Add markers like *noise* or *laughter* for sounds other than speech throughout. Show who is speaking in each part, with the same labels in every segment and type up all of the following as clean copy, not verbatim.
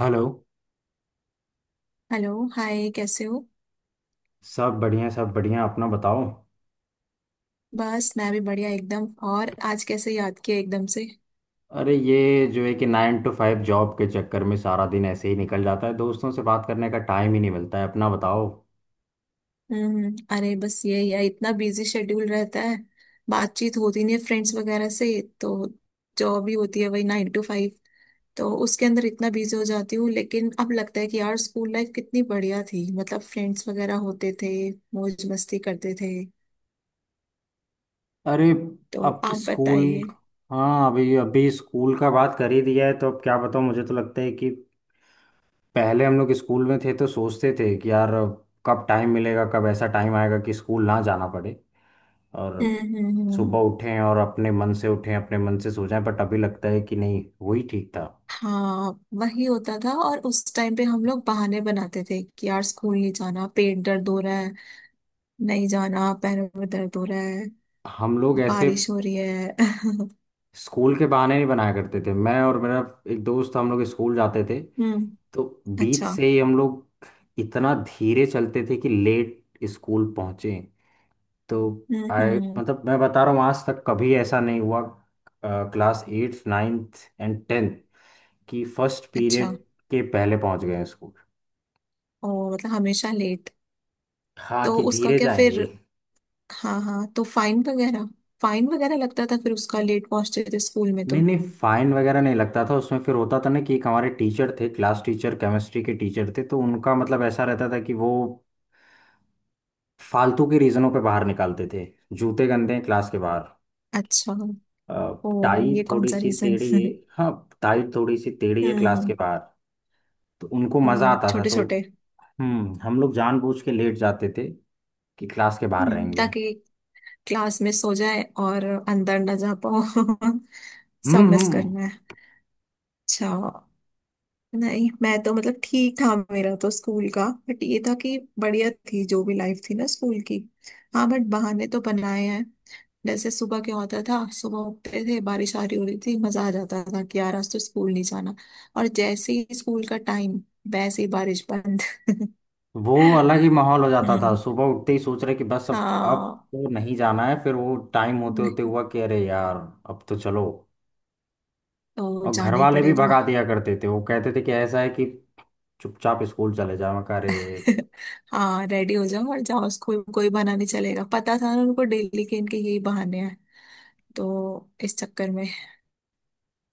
Speaker 1: Hello.
Speaker 2: Hello, hi, कैसे हो।
Speaker 1: सब बढ़िया अपना बताओ।
Speaker 2: बस मैं भी बढ़िया एकदम। और आज कैसे याद किया एकदम से।
Speaker 1: अरे ये जो है कि 9 to 5 जॉब के चक्कर में सारा दिन ऐसे ही निकल जाता है, दोस्तों से बात करने का टाइम ही नहीं मिलता है। अपना बताओ।
Speaker 2: हम्म। अरे बस यही है, इतना बिजी शेड्यूल रहता है। बातचीत होती नहीं है फ्रेंड्स वगैरह से। तो जॉब ही होती है, वही नाइन टू फाइव। तो उसके अंदर इतना बिजी हो जाती हूँ, लेकिन अब लगता है कि यार स्कूल लाइफ कितनी बढ़िया थी, मतलब फ्रेंड्स वगैरह होते थे, मौज मस्ती करते थे।
Speaker 1: अरे
Speaker 2: तो
Speaker 1: अब
Speaker 2: आप
Speaker 1: स्कूल।
Speaker 2: बताइए।
Speaker 1: हाँ अभी अभी स्कूल का बात कर ही दिया है तो अब क्या बताऊँ, मुझे तो लगता है कि पहले हम लोग स्कूल में थे तो सोचते थे कि यार कब टाइम मिलेगा, कब ऐसा टाइम आएगा कि स्कूल ना जाना पड़े और
Speaker 2: हम्म, हम्म, हम्म।
Speaker 1: सुबह उठें और अपने मन से उठें अपने मन से सो जाएं। बट अभी लगता है कि नहीं वही ठीक था।
Speaker 2: हाँ वही होता था। और उस टाइम पे हम लोग बहाने बनाते थे कि यार स्कूल नहीं जाना, पेट दर्द हो रहा है, नहीं जाना, पैरों में दर्द हो रहा है,
Speaker 1: हम लोग ऐसे
Speaker 2: बारिश हो रही है। *laughs*
Speaker 1: स्कूल के बहाने नहीं बनाया करते थे। मैं और मेरा एक दोस्त हम लोग स्कूल जाते थे,
Speaker 2: हम्म।
Speaker 1: तो बीच
Speaker 2: अच्छा।
Speaker 1: से ही हम लोग इतना धीरे चलते थे कि लेट स्कूल पहुंचे। तो
Speaker 2: हम्म,
Speaker 1: आई
Speaker 2: हम्म।
Speaker 1: मतलब मैं बता रहा हूँ आज तक कभी ऐसा नहीं हुआ class eighth ninth and tenth की फर्स्ट
Speaker 2: अच्छा।
Speaker 1: पीरियड के पहले पहुंच गए स्कूल।
Speaker 2: ओ, मतलब हमेशा लेट।
Speaker 1: हाँ
Speaker 2: तो
Speaker 1: कि
Speaker 2: उसका
Speaker 1: धीरे
Speaker 2: क्या फिर।
Speaker 1: जाएंगे।
Speaker 2: हाँ हाँ, तो फाइन वगैरह, फाइन वगैरह लगता था फिर उसका, लेट पहुंचते थे स्कूल में
Speaker 1: नहीं
Speaker 2: तो।
Speaker 1: नहीं फाइन वगैरह नहीं लगता था, उसमें फिर होता था ना कि एक हमारे टीचर थे, क्लास टीचर, केमिस्ट्री के टीचर थे, तो उनका मतलब ऐसा रहता था कि वो फालतू के रीजनों पे बाहर निकालते थे। जूते गंदे हैं, क्लास के बाहर।
Speaker 2: अच्छा। ओ
Speaker 1: टाई
Speaker 2: ये कौन
Speaker 1: थोड़ी
Speaker 2: सा
Speaker 1: सी
Speaker 2: रीजन।
Speaker 1: टेढ़ी है।
Speaker 2: *laughs*
Speaker 1: हाँ टाई थोड़ी सी टेढ़ी है, क्लास
Speaker 2: हम्म।
Speaker 1: के बाहर। तो उनको
Speaker 2: ओ
Speaker 1: मजा आता था,
Speaker 2: छोटे
Speaker 1: तो
Speaker 2: छोटे।
Speaker 1: हम लोग जानबूझ के लेट जाते थे कि क्लास के बाहर
Speaker 2: हम्म,
Speaker 1: रहेंगे।
Speaker 2: ताकि क्लास मिस हो जाए और अंदर ना जा पाओ। *laughs* सब
Speaker 1: हम्म
Speaker 2: मिस
Speaker 1: हम्म
Speaker 2: करना है। अच्छा। नहीं, मैं तो मतलब ठीक था मेरा तो स्कूल का, बट ये था कि बढ़िया थी जो भी लाइफ थी ना स्कूल की। हाँ, बट बहाने तो बनाए हैं। जैसे सुबह क्या होता था, सुबह उठते थे, बारिश आ रही हो रही थी, मजा आ जाता था कि यार आज तो स्कूल नहीं जाना। और जैसे ही स्कूल का टाइम, वैसे ही बारिश बंद। *laughs*
Speaker 1: वो अलग ही माहौल हो जाता था
Speaker 2: हम्म।
Speaker 1: सुबह उठते ही सोच रहे कि बस अब
Speaker 2: हाँ।
Speaker 1: तो नहीं जाना है फिर वो टाइम होते होते
Speaker 2: नहीं,
Speaker 1: हुआ कि अरे यार अब तो चलो
Speaker 2: तो
Speaker 1: और घर
Speaker 2: जाना ही
Speaker 1: वाले भी
Speaker 2: पड़ेगा।
Speaker 1: भगा दिया करते थे वो कहते थे कि ऐसा है कि चुपचाप स्कूल चले जाओ मैं कहा, अरे
Speaker 2: हाँ, रेडी हो जाओ और जाओ स्कूल, कोई बहाना नहीं चलेगा, पता था ना उनको, डेली के इनके यही बहाने हैं, तो इस चक्कर में। *laughs*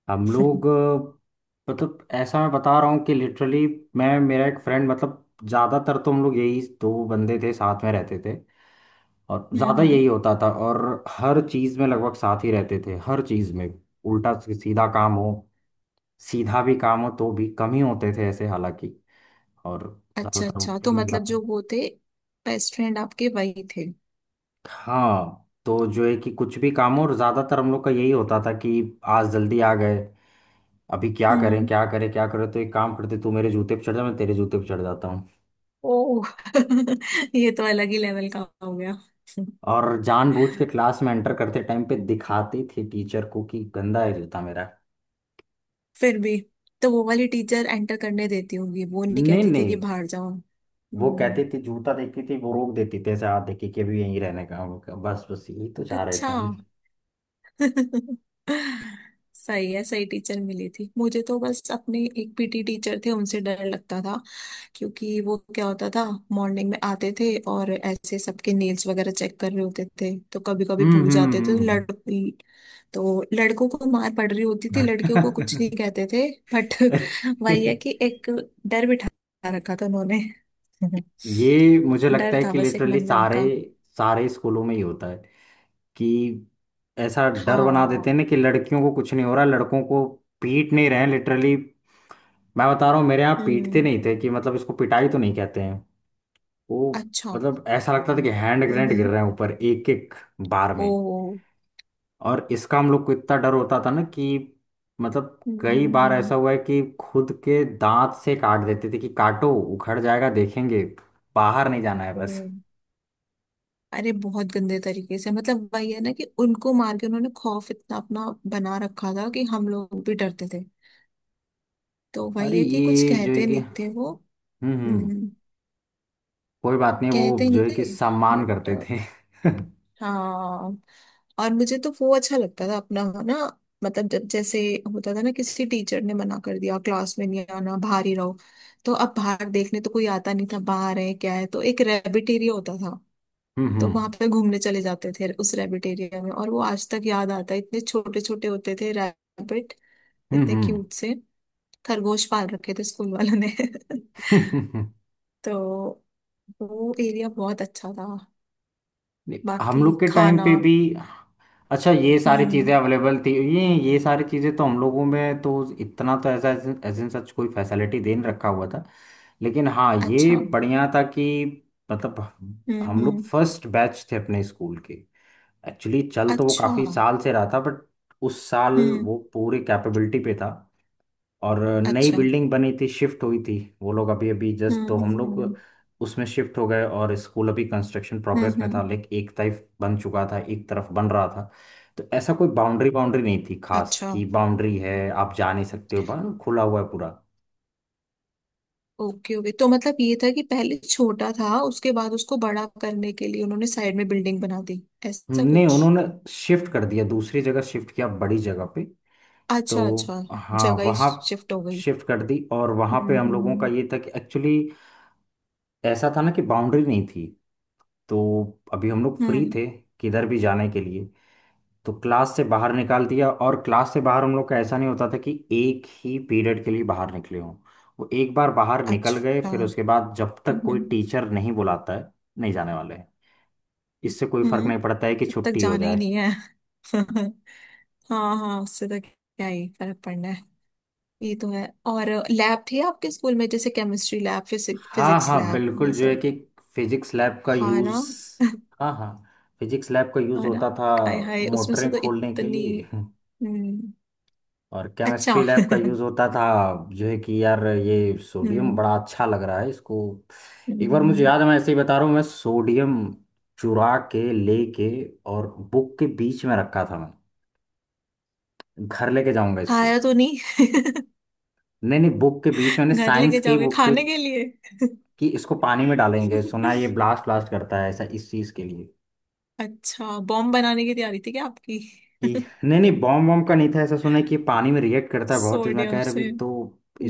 Speaker 1: हम लोग
Speaker 2: हम्म,
Speaker 1: अ, मतलब ऐसा मैं बता रहा हूँ कि लिटरली मैं मेरा एक फ्रेंड मतलब ज़्यादातर तो हम लोग यही दो बंदे थे साथ में रहते थे और ज़्यादा
Speaker 2: हम्म।
Speaker 1: यही होता था और हर चीज़ में लगभग साथ ही रहते थे हर चीज़ में उल्टा सीधा काम हो सीधा भी काम हो तो भी कम ही होते थे ऐसे हालांकि और
Speaker 2: अच्छा
Speaker 1: ज़्यादातर
Speaker 2: अच्छा,
Speaker 1: उल्टे
Speaker 2: तो
Speaker 1: ही हो
Speaker 2: मतलब
Speaker 1: जाते
Speaker 2: जो
Speaker 1: हैं
Speaker 2: वो थे, बेस्ट फ्रेंड आपके वही थे।
Speaker 1: हाँ तो जो है कि कुछ भी काम हो और ज़्यादातर हम लोग का यही होता था कि आज जल्दी आ गए अभी क्या करें
Speaker 2: हम्म।
Speaker 1: क्या करें क्या करें तो एक काम करते तू मेरे जूते पे चढ़ जा मैं तेरे जूते पे चढ़ जाता हूँ
Speaker 2: ओ। *laughs* ये तो अलग ही लेवल का हो गया।
Speaker 1: और जानबूझ के क्लास में एंटर करते टाइम पे दिखाती थी टीचर को कि गंदा है जूता मेरा
Speaker 2: फिर भी, तो वो वाली टीचर एंटर करने देती होगी, वो नहीं
Speaker 1: नहीं
Speaker 2: कहती थी
Speaker 1: नहीं
Speaker 2: कि बाहर जाओ।
Speaker 1: वो
Speaker 2: हम्म।
Speaker 1: कहती थी जूता देखती थी वो रोक देती थी ऐसे हाथ देखी कि अभी यहीं रहने का हम लोग। बस बस यही तो चाह रहे
Speaker 2: अच्छा।
Speaker 1: थे हम
Speaker 2: *laughs* सही है। सही टीचर मिली थी मुझे तो बस, अपने एक पीटी टीचर थे, उनसे डर लगता था। क्योंकि वो क्या होता था, मॉर्निंग में आते थे और ऐसे सबके नेल्स वगैरह चेक कर रहे होते थे, तो कभी कभी
Speaker 1: हम्म
Speaker 2: भूल जाते थे
Speaker 1: हम्म
Speaker 2: लड़ तो लड़कों को मार पड़ रही होती थी, लड़कियों को कुछ
Speaker 1: हम्म।
Speaker 2: नहीं कहते थे। बट
Speaker 1: *laughs*
Speaker 2: *laughs* वही है कि एक डर बिठा रखा था उन्होंने।
Speaker 1: ये मुझे
Speaker 2: *laughs*
Speaker 1: लगता
Speaker 2: डर
Speaker 1: है
Speaker 2: था
Speaker 1: कि
Speaker 2: बस एक
Speaker 1: लिटरली
Speaker 2: मन में
Speaker 1: सारे
Speaker 2: उनका।
Speaker 1: सारे स्कूलों में ही होता है कि ऐसा डर बना देते
Speaker 2: हाँ।
Speaker 1: हैं ना कि लड़कियों को कुछ नहीं हो रहा, लड़कों को पीट नहीं रहे हैं। लिटरली मैं बता रहा हूँ मेरे यहाँ पीटते
Speaker 2: हम्म।
Speaker 1: नहीं थे कि, मतलब इसको पिटाई तो नहीं कहते हैं वो,
Speaker 2: अच्छा।
Speaker 1: मतलब ऐसा लगता था कि हैंड
Speaker 2: हम्म,
Speaker 1: ग्रेनेड गिर
Speaker 2: हम्म।
Speaker 1: रहे हैं ऊपर एक एक बार
Speaker 2: ओ।
Speaker 1: में। और इसका हम लोग को इतना डर होता था ना कि मतलब कई बार
Speaker 2: हम्म।
Speaker 1: ऐसा हुआ है कि खुद के दांत से काट देते थे कि काटो उखड़ जाएगा देखेंगे, बाहर नहीं जाना है
Speaker 2: ओ।
Speaker 1: बस।
Speaker 2: अरे, बहुत गंदे तरीके से, मतलब वही है ना कि उनको मार के उन्होंने खौफ इतना अपना बना रखा था कि हम लोग भी डरते थे। तो वही
Speaker 1: अरे
Speaker 2: है कि कुछ
Speaker 1: ये जो है
Speaker 2: कहते
Speaker 1: कि
Speaker 2: नहीं थे वो।
Speaker 1: हम्म हम्म
Speaker 2: हम्म।
Speaker 1: कोई बात नहीं, वो
Speaker 2: कहते नहीं
Speaker 1: जो है कि
Speaker 2: थे,
Speaker 1: सम्मान
Speaker 2: बट
Speaker 1: करते थे। *laughs* हम्म।
Speaker 2: हाँ। और मुझे तो वो अच्छा लगता था अपना ना, मतलब जब जैसे होता था ना, किसी टीचर ने मना कर दिया क्लास में नहीं आना, बाहर ही रहो, तो अब बाहर देखने तो कोई आता नहीं था बाहर है क्या है। तो एक रैबिट एरिया होता था, तो
Speaker 1: हम्म
Speaker 2: वहां पे घूमने चले जाते थे उस रैबिट एरिया में। और वो आज तक याद आता है, इतने छोटे छोटे होते थे रैबिट, इतने
Speaker 1: हम्म
Speaker 2: क्यूट से खरगोश पाल रखे थे स्कूल वालों ने। *laughs*
Speaker 1: हम्म। *laughs*
Speaker 2: तो वो एरिया बहुत अच्छा था।
Speaker 1: नहीं, हम
Speaker 2: बाकी
Speaker 1: लोग के टाइम
Speaker 2: खाना।
Speaker 1: पे भी अच्छा ये सारी
Speaker 2: हम्म।
Speaker 1: चीजें अवेलेबल थी। ये ये सारी चीजें तो हम लोगों में तो इतना तो ऐसा एज इन सच कोई फैसिलिटी दे नहीं रखा हुआ था, लेकिन हाँ ये
Speaker 2: अच्छा।
Speaker 1: बढ़िया था कि मतलब
Speaker 2: हम्म,
Speaker 1: हम लोग
Speaker 2: हम्म।
Speaker 1: फर्स्ट बैच थे अपने स्कूल के। एक्चुअली चल तो वो
Speaker 2: अच्छा।
Speaker 1: काफी साल से रहा था, बट उस साल
Speaker 2: हम्म।
Speaker 1: वो पूरी कैपेबिलिटी पे था और नई
Speaker 2: अच्छा।
Speaker 1: बिल्डिंग बनी थी, शिफ्ट हुई थी। वो लोग अभी अभी जस्ट,
Speaker 2: हम्म,
Speaker 1: तो हम
Speaker 2: हम्म,
Speaker 1: लोग
Speaker 2: हम्म,
Speaker 1: उसमें शिफ्ट हो गए और स्कूल अभी कंस्ट्रक्शन प्रोग्रेस
Speaker 2: हम्म,
Speaker 1: में था,
Speaker 2: हम्म।
Speaker 1: लेकिन एक तरफ बन चुका था एक तरफ बन रहा था, तो ऐसा कोई बाउंड्री बाउंड्री नहीं थी खास
Speaker 2: अच्छा,
Speaker 1: कि बाउंड्री है आप जा नहीं सकते हो, बाहर खुला हुआ है पूरा।
Speaker 2: ओके ओके, तो मतलब ये था कि पहले छोटा था, उसके बाद उसको बड़ा करने के लिए उन्होंने साइड में बिल्डिंग बना दी, ऐसा
Speaker 1: नहीं
Speaker 2: कुछ।
Speaker 1: उन्होंने शिफ्ट कर दिया, दूसरी जगह शिफ्ट किया बड़ी जगह पे। तो
Speaker 2: अच्छा अच्छा।
Speaker 1: हाँ
Speaker 2: जगह ही
Speaker 1: वहाँ
Speaker 2: शिफ्ट हो गई।
Speaker 1: शिफ्ट कर दी और वहाँ
Speaker 2: हम्म,
Speaker 1: पे हम
Speaker 2: हम्म,
Speaker 1: लोगों का
Speaker 2: हम्म,
Speaker 1: ये था कि एक्चुअली ऐसा था ना कि बाउंड्री नहीं थी, तो अभी हम लोग फ्री
Speaker 2: हम्म।
Speaker 1: थे किधर भी जाने के लिए। तो क्लास से बाहर निकाल दिया और क्लास से बाहर हम लोग का ऐसा नहीं होता था कि एक ही पीरियड के लिए बाहर निकले हों। वो एक बार बाहर निकल गए
Speaker 2: अच्छा।
Speaker 1: फिर उसके
Speaker 2: हम्म,
Speaker 1: बाद जब तक कोई
Speaker 2: हम्म,
Speaker 1: टीचर नहीं बुलाता है नहीं जाने वाले हैं, इससे कोई फर्क
Speaker 2: हम्म।
Speaker 1: नहीं पड़ता है कि
Speaker 2: अब तक
Speaker 1: छुट्टी हो
Speaker 2: जाना ही
Speaker 1: जाए।
Speaker 2: नहीं है। *laughs* हाँ हाँ, उससे तो क्या ही फर्क पड़ना है। ये तो है। और लैब थी आपके स्कूल में, जैसे केमिस्ट्री लैब,
Speaker 1: हाँ
Speaker 2: फिजिक्स
Speaker 1: हाँ
Speaker 2: लैब, ये
Speaker 1: बिल्कुल, जो है
Speaker 2: सब।
Speaker 1: कि फिजिक्स लैब का
Speaker 2: हाँ
Speaker 1: यूज़।
Speaker 2: ना।
Speaker 1: हाँ हाँ फिजिक्स लैब का यूज़
Speaker 2: हाँ ना।
Speaker 1: होता था
Speaker 2: हाय हाय, उसमें से
Speaker 1: मोटरें
Speaker 2: तो
Speaker 1: खोलने के
Speaker 2: इतनी।
Speaker 1: लिए। *laughs*
Speaker 2: हम्म।
Speaker 1: और
Speaker 2: अच्छा।
Speaker 1: केमिस्ट्री
Speaker 2: *laughs*
Speaker 1: लैब का
Speaker 2: हम्म,
Speaker 1: यूज़ होता था जो है कि यार ये सोडियम
Speaker 2: हम्म,
Speaker 1: बड़ा अच्छा लग रहा है इसको। एक बार मुझे
Speaker 2: हम्म।
Speaker 1: याद है, मैं ऐसे ही बता रहा हूँ, मैं सोडियम चुरा के लेके और बुक के बीच में रखा था, मैं घर लेके जाऊंगा इसको।
Speaker 2: खाया तो नहीं।
Speaker 1: नहीं नहीं बुक के बीच में,
Speaker 2: *laughs* घर
Speaker 1: साइंस
Speaker 2: लेके
Speaker 1: के
Speaker 2: जाओगे
Speaker 1: बुक के,
Speaker 2: खाने के लिए।
Speaker 1: कि इसको पानी में डालेंगे, सुना है ये
Speaker 2: *laughs*
Speaker 1: ब्लास्ट ब्लास्ट करता है ऐसा, इस चीज़ के लिए।
Speaker 2: अच्छा, बॉम्ब बनाने की तैयारी थी क्या आपकी।
Speaker 1: कि
Speaker 2: *laughs*
Speaker 1: नहीं नहीं बॉम्ब बॉम्ब का नहीं था ऐसा, सुना है कि ये पानी में रिएक्ट करता है बहुत तेज, मैं
Speaker 2: सोडियम
Speaker 1: कह रहा
Speaker 2: से।
Speaker 1: अभी तो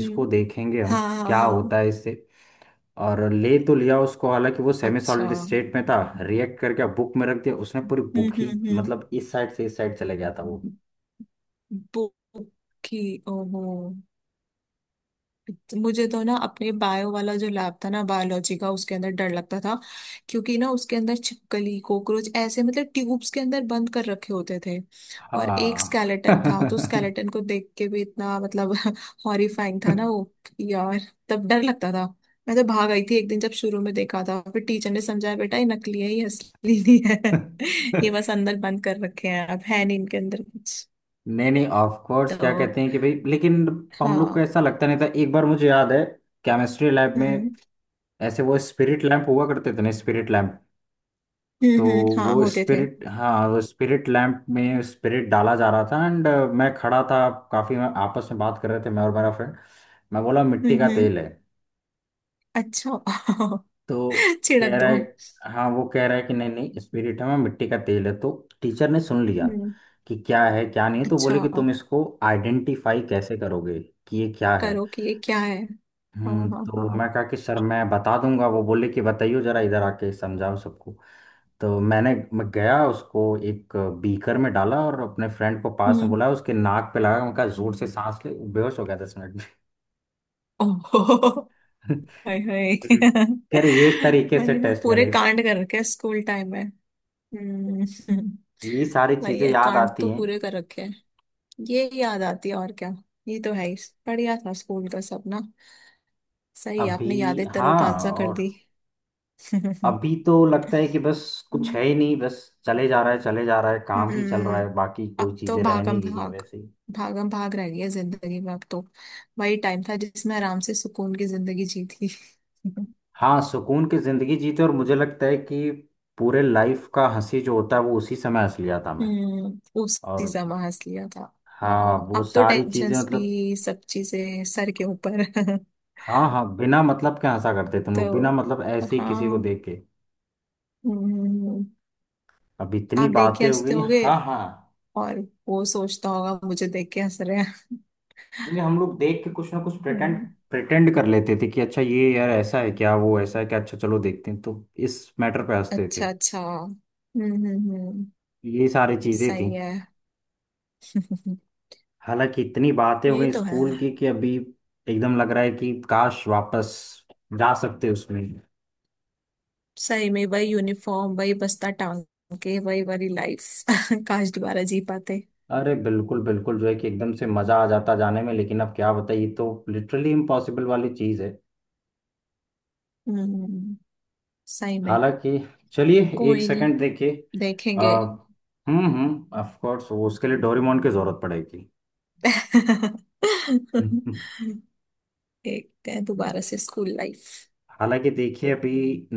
Speaker 1: इसको देखेंगे हम
Speaker 2: हाँ हाँ
Speaker 1: क्या
Speaker 2: हाँ।
Speaker 1: होता है इससे। और ले तो लिया उसको, हालांकि वो सेमी
Speaker 2: अच्छा।
Speaker 1: सॉलिड
Speaker 2: हम्म,
Speaker 1: स्टेट में था, रिएक्ट करके बुक में रख दिया उसने, पूरी बुक ही
Speaker 2: हम्म,
Speaker 1: मतलब इस साइड से इस साइड चले गया था वो।
Speaker 2: हम्म। बुक की। ओहो। मुझे तो ना अपने बायो वाला जो लैब था ना, बायोलॉजी का, उसके अंदर डर लगता था। क्योंकि ना उसके अंदर छिपकली, कॉकरोच ऐसे, मतलब ट्यूब्स के अंदर बंद कर रखे होते थे। और एक
Speaker 1: हाँ।
Speaker 2: स्केलेटन था, तो स्केलेटन को देख के भी इतना मतलब *laughs* हॉरिफाइंग था ना वो
Speaker 1: *laughs*
Speaker 2: यार। तब डर लगता था। मैं तो भाग आई थी एक दिन जब शुरू में देखा था, फिर टीचर ने समझाया बेटा ये नकली है, ये असली नहीं है। *laughs* ये बस अंदर बंद कर रखे हैं, अब है नहीं इनके अंदर कुछ।
Speaker 1: नहीं नहीं ऑफ कोर्स, क्या
Speaker 2: तो
Speaker 1: कहते हैं कि भाई, लेकिन हम लोग को
Speaker 2: हाँ।
Speaker 1: ऐसा लगता नहीं था। एक बार मुझे याद है केमिस्ट्री लैब में
Speaker 2: हम्म,
Speaker 1: ऐसे वो स्पिरिट लैंप हुआ करते थे ना, स्पिरिट लैंप।
Speaker 2: हम्म,
Speaker 1: तो
Speaker 2: हम्म। हाँ
Speaker 1: वो
Speaker 2: होते थे।
Speaker 1: स्पिरिट, हाँ वो स्पिरिट लैंप में स्पिरिट डाला जा रहा था एंड मैं खड़ा था, काफ़ी आपस में बात कर रहे थे मैं और मेरा फ्रेंड। मैं बोला
Speaker 2: हम्म,
Speaker 1: मिट्टी का तेल है,
Speaker 2: अच्छा।
Speaker 1: तो
Speaker 2: *laughs* छिड़क
Speaker 1: कह रहा
Speaker 2: दो।
Speaker 1: है, हाँ वो कह रहा है कि नहीं नहीं स्पिरिट है, मैं मिट्टी का तेल है, तो टीचर ने सुन लिया
Speaker 2: हम्म।
Speaker 1: कि क्या है क्या नहीं, तो
Speaker 2: अच्छा,
Speaker 1: बोले कि तुम इसको आइडेंटिफाई कैसे करोगे कि ये क्या है।
Speaker 2: करो कि ये क्या है। हाँ हाँ
Speaker 1: तो मैं
Speaker 2: हाँ।
Speaker 1: कहा कि सर मैं बता दूंगा, वो बोले कि बताइए जरा इधर आके समझाओ सबको। तो मैं गया, उसको एक बीकर में डाला और अपने फ्रेंड को पास में
Speaker 2: हम्म।
Speaker 1: बुलाया, उसके नाक पे लगा, मैं कहा जोर से सांस ले। बेहोश हो गया 10 मिनट
Speaker 2: ओहो।
Speaker 1: में।
Speaker 2: हाय हाय।
Speaker 1: *laughs* फिर कह रहे ये
Speaker 2: *laughs*
Speaker 1: तरीके से
Speaker 2: वही ना,
Speaker 1: टेस्ट
Speaker 2: पूरे
Speaker 1: करेगा।
Speaker 2: कांड कर रखे हैं स्कूल टाइम में। हम्म, हम्म।
Speaker 1: ये सारी
Speaker 2: वही
Speaker 1: चीजें
Speaker 2: है,
Speaker 1: याद
Speaker 2: कांड
Speaker 1: आती
Speaker 2: तो
Speaker 1: हैं।
Speaker 2: पूरे कर रखे हैं। ये याद आती है, और क्या। ये तो है ही। बढ़िया था स्कूल का सब ना। सही, आपने
Speaker 1: अभी,
Speaker 2: यादें
Speaker 1: हाँ,
Speaker 2: तरोताजा कर
Speaker 1: और
Speaker 2: दी।
Speaker 1: अभी तो लगता है कि बस कुछ है ही
Speaker 2: *laughs*
Speaker 1: नहीं, बस चले जा रहा है चले जा रहा है, काम ही चल रहा
Speaker 2: हम्म।
Speaker 1: है, बाकी कोई
Speaker 2: अब तो
Speaker 1: चीजें रह नहीं
Speaker 2: भागम
Speaker 1: गई हैं
Speaker 2: भाग,
Speaker 1: वैसे।
Speaker 2: भागम भाग रह गया जिंदगी में अब तो। वही टाइम था जिसमें आराम से सुकून की जिंदगी जी थी। *laughs*
Speaker 1: हाँ सुकून की जिंदगी जीते, और मुझे लगता है कि पूरे लाइफ का हंसी जो होता है वो उसी समय हंस लिया था मैं।
Speaker 2: हम्म, उसी
Speaker 1: और
Speaker 2: समय हंस लिया था।
Speaker 1: हाँ
Speaker 2: हाँ,
Speaker 1: वो
Speaker 2: अब तो
Speaker 1: सारी चीजें
Speaker 2: टेंशन्स
Speaker 1: मतलब,
Speaker 2: भी सब चीजें सर के ऊपर। *laughs*
Speaker 1: हाँ हाँ बिना मतलब के हंसा करते तुम लोग, बिना
Speaker 2: तो
Speaker 1: मतलब ऐसे ही किसी को
Speaker 2: हाँ।
Speaker 1: देख के।
Speaker 2: हम्म।
Speaker 1: अब इतनी
Speaker 2: आप देख के
Speaker 1: बातें हो
Speaker 2: हंसते
Speaker 1: गई,
Speaker 2: होगे,
Speaker 1: हाँ हाँ
Speaker 2: और वो सोचता होगा मुझे देख के हंस रहे हैं।
Speaker 1: यानी हम लोग देख के कुछ ना कुछ प्रिटेंड
Speaker 2: हम्म।
Speaker 1: प्रिटेंड कर लेते थे कि अच्छा ये यार ऐसा है क्या वो ऐसा है क्या, अच्छा चलो देखते हैं, तो इस मैटर पे हंसते थे।
Speaker 2: अच्छा अच्छा, हम्म, हम्म, हम्म।
Speaker 1: ये सारी चीजें थी।
Speaker 2: सही है।
Speaker 1: हालांकि इतनी बातें
Speaker 2: *laughs*
Speaker 1: हो
Speaker 2: ये
Speaker 1: गई
Speaker 2: तो है।
Speaker 1: स्कूल की कि अभी एकदम लग रहा है कि काश वापस जा सकते उसमें।
Speaker 2: सही में, वही यूनिफॉर्म, वही बस्ता टांग के, वही वाली लाइफ। *laughs* काश दोबारा जी पाते।
Speaker 1: अरे बिल्कुल बिल्कुल जो है कि एकदम से मजा आ जाता जाने में, लेकिन अब क्या बताइए, तो लिटरली इम्पॉसिबल वाली चीज है।
Speaker 2: हम्म, सही में।
Speaker 1: हालांकि चलिए एक
Speaker 2: कोई
Speaker 1: सेकंड
Speaker 2: नहीं,
Speaker 1: देखिए।
Speaker 2: देखेंगे।
Speaker 1: हम्म, ऑफ कोर्स उसके लिए डोरेमोन की जरूरत पड़ेगी।
Speaker 2: *laughs* देखते हैं दोबारा
Speaker 1: *laughs*
Speaker 2: से स्कूल लाइफ।
Speaker 1: हालांकि देखिए अभी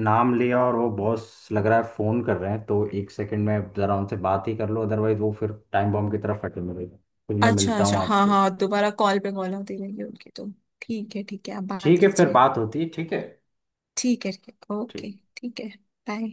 Speaker 1: नाम लिया और वो बॉस लग रहा है फोन कर रहे हैं, तो एक सेकंड में जरा उनसे बात ही कर लो, अदरवाइज वो फिर टाइम बॉम्ब की तरफ फटे मिलेगा। फिर मैं
Speaker 2: अच्छा
Speaker 1: मिलता
Speaker 2: अच्छा,
Speaker 1: हूँ
Speaker 2: हाँ
Speaker 1: आपसे,
Speaker 2: हाँ, दोबारा कॉल पे कॉल आती रहेगी उनकी तो। ठीक है ठीक है, आप बात
Speaker 1: ठीक है फिर
Speaker 2: कीजिए।
Speaker 1: बात होती है। ठीक है।
Speaker 2: ठीक है ठीक है,
Speaker 1: ठीक
Speaker 2: ओके। ठीक है। बाय।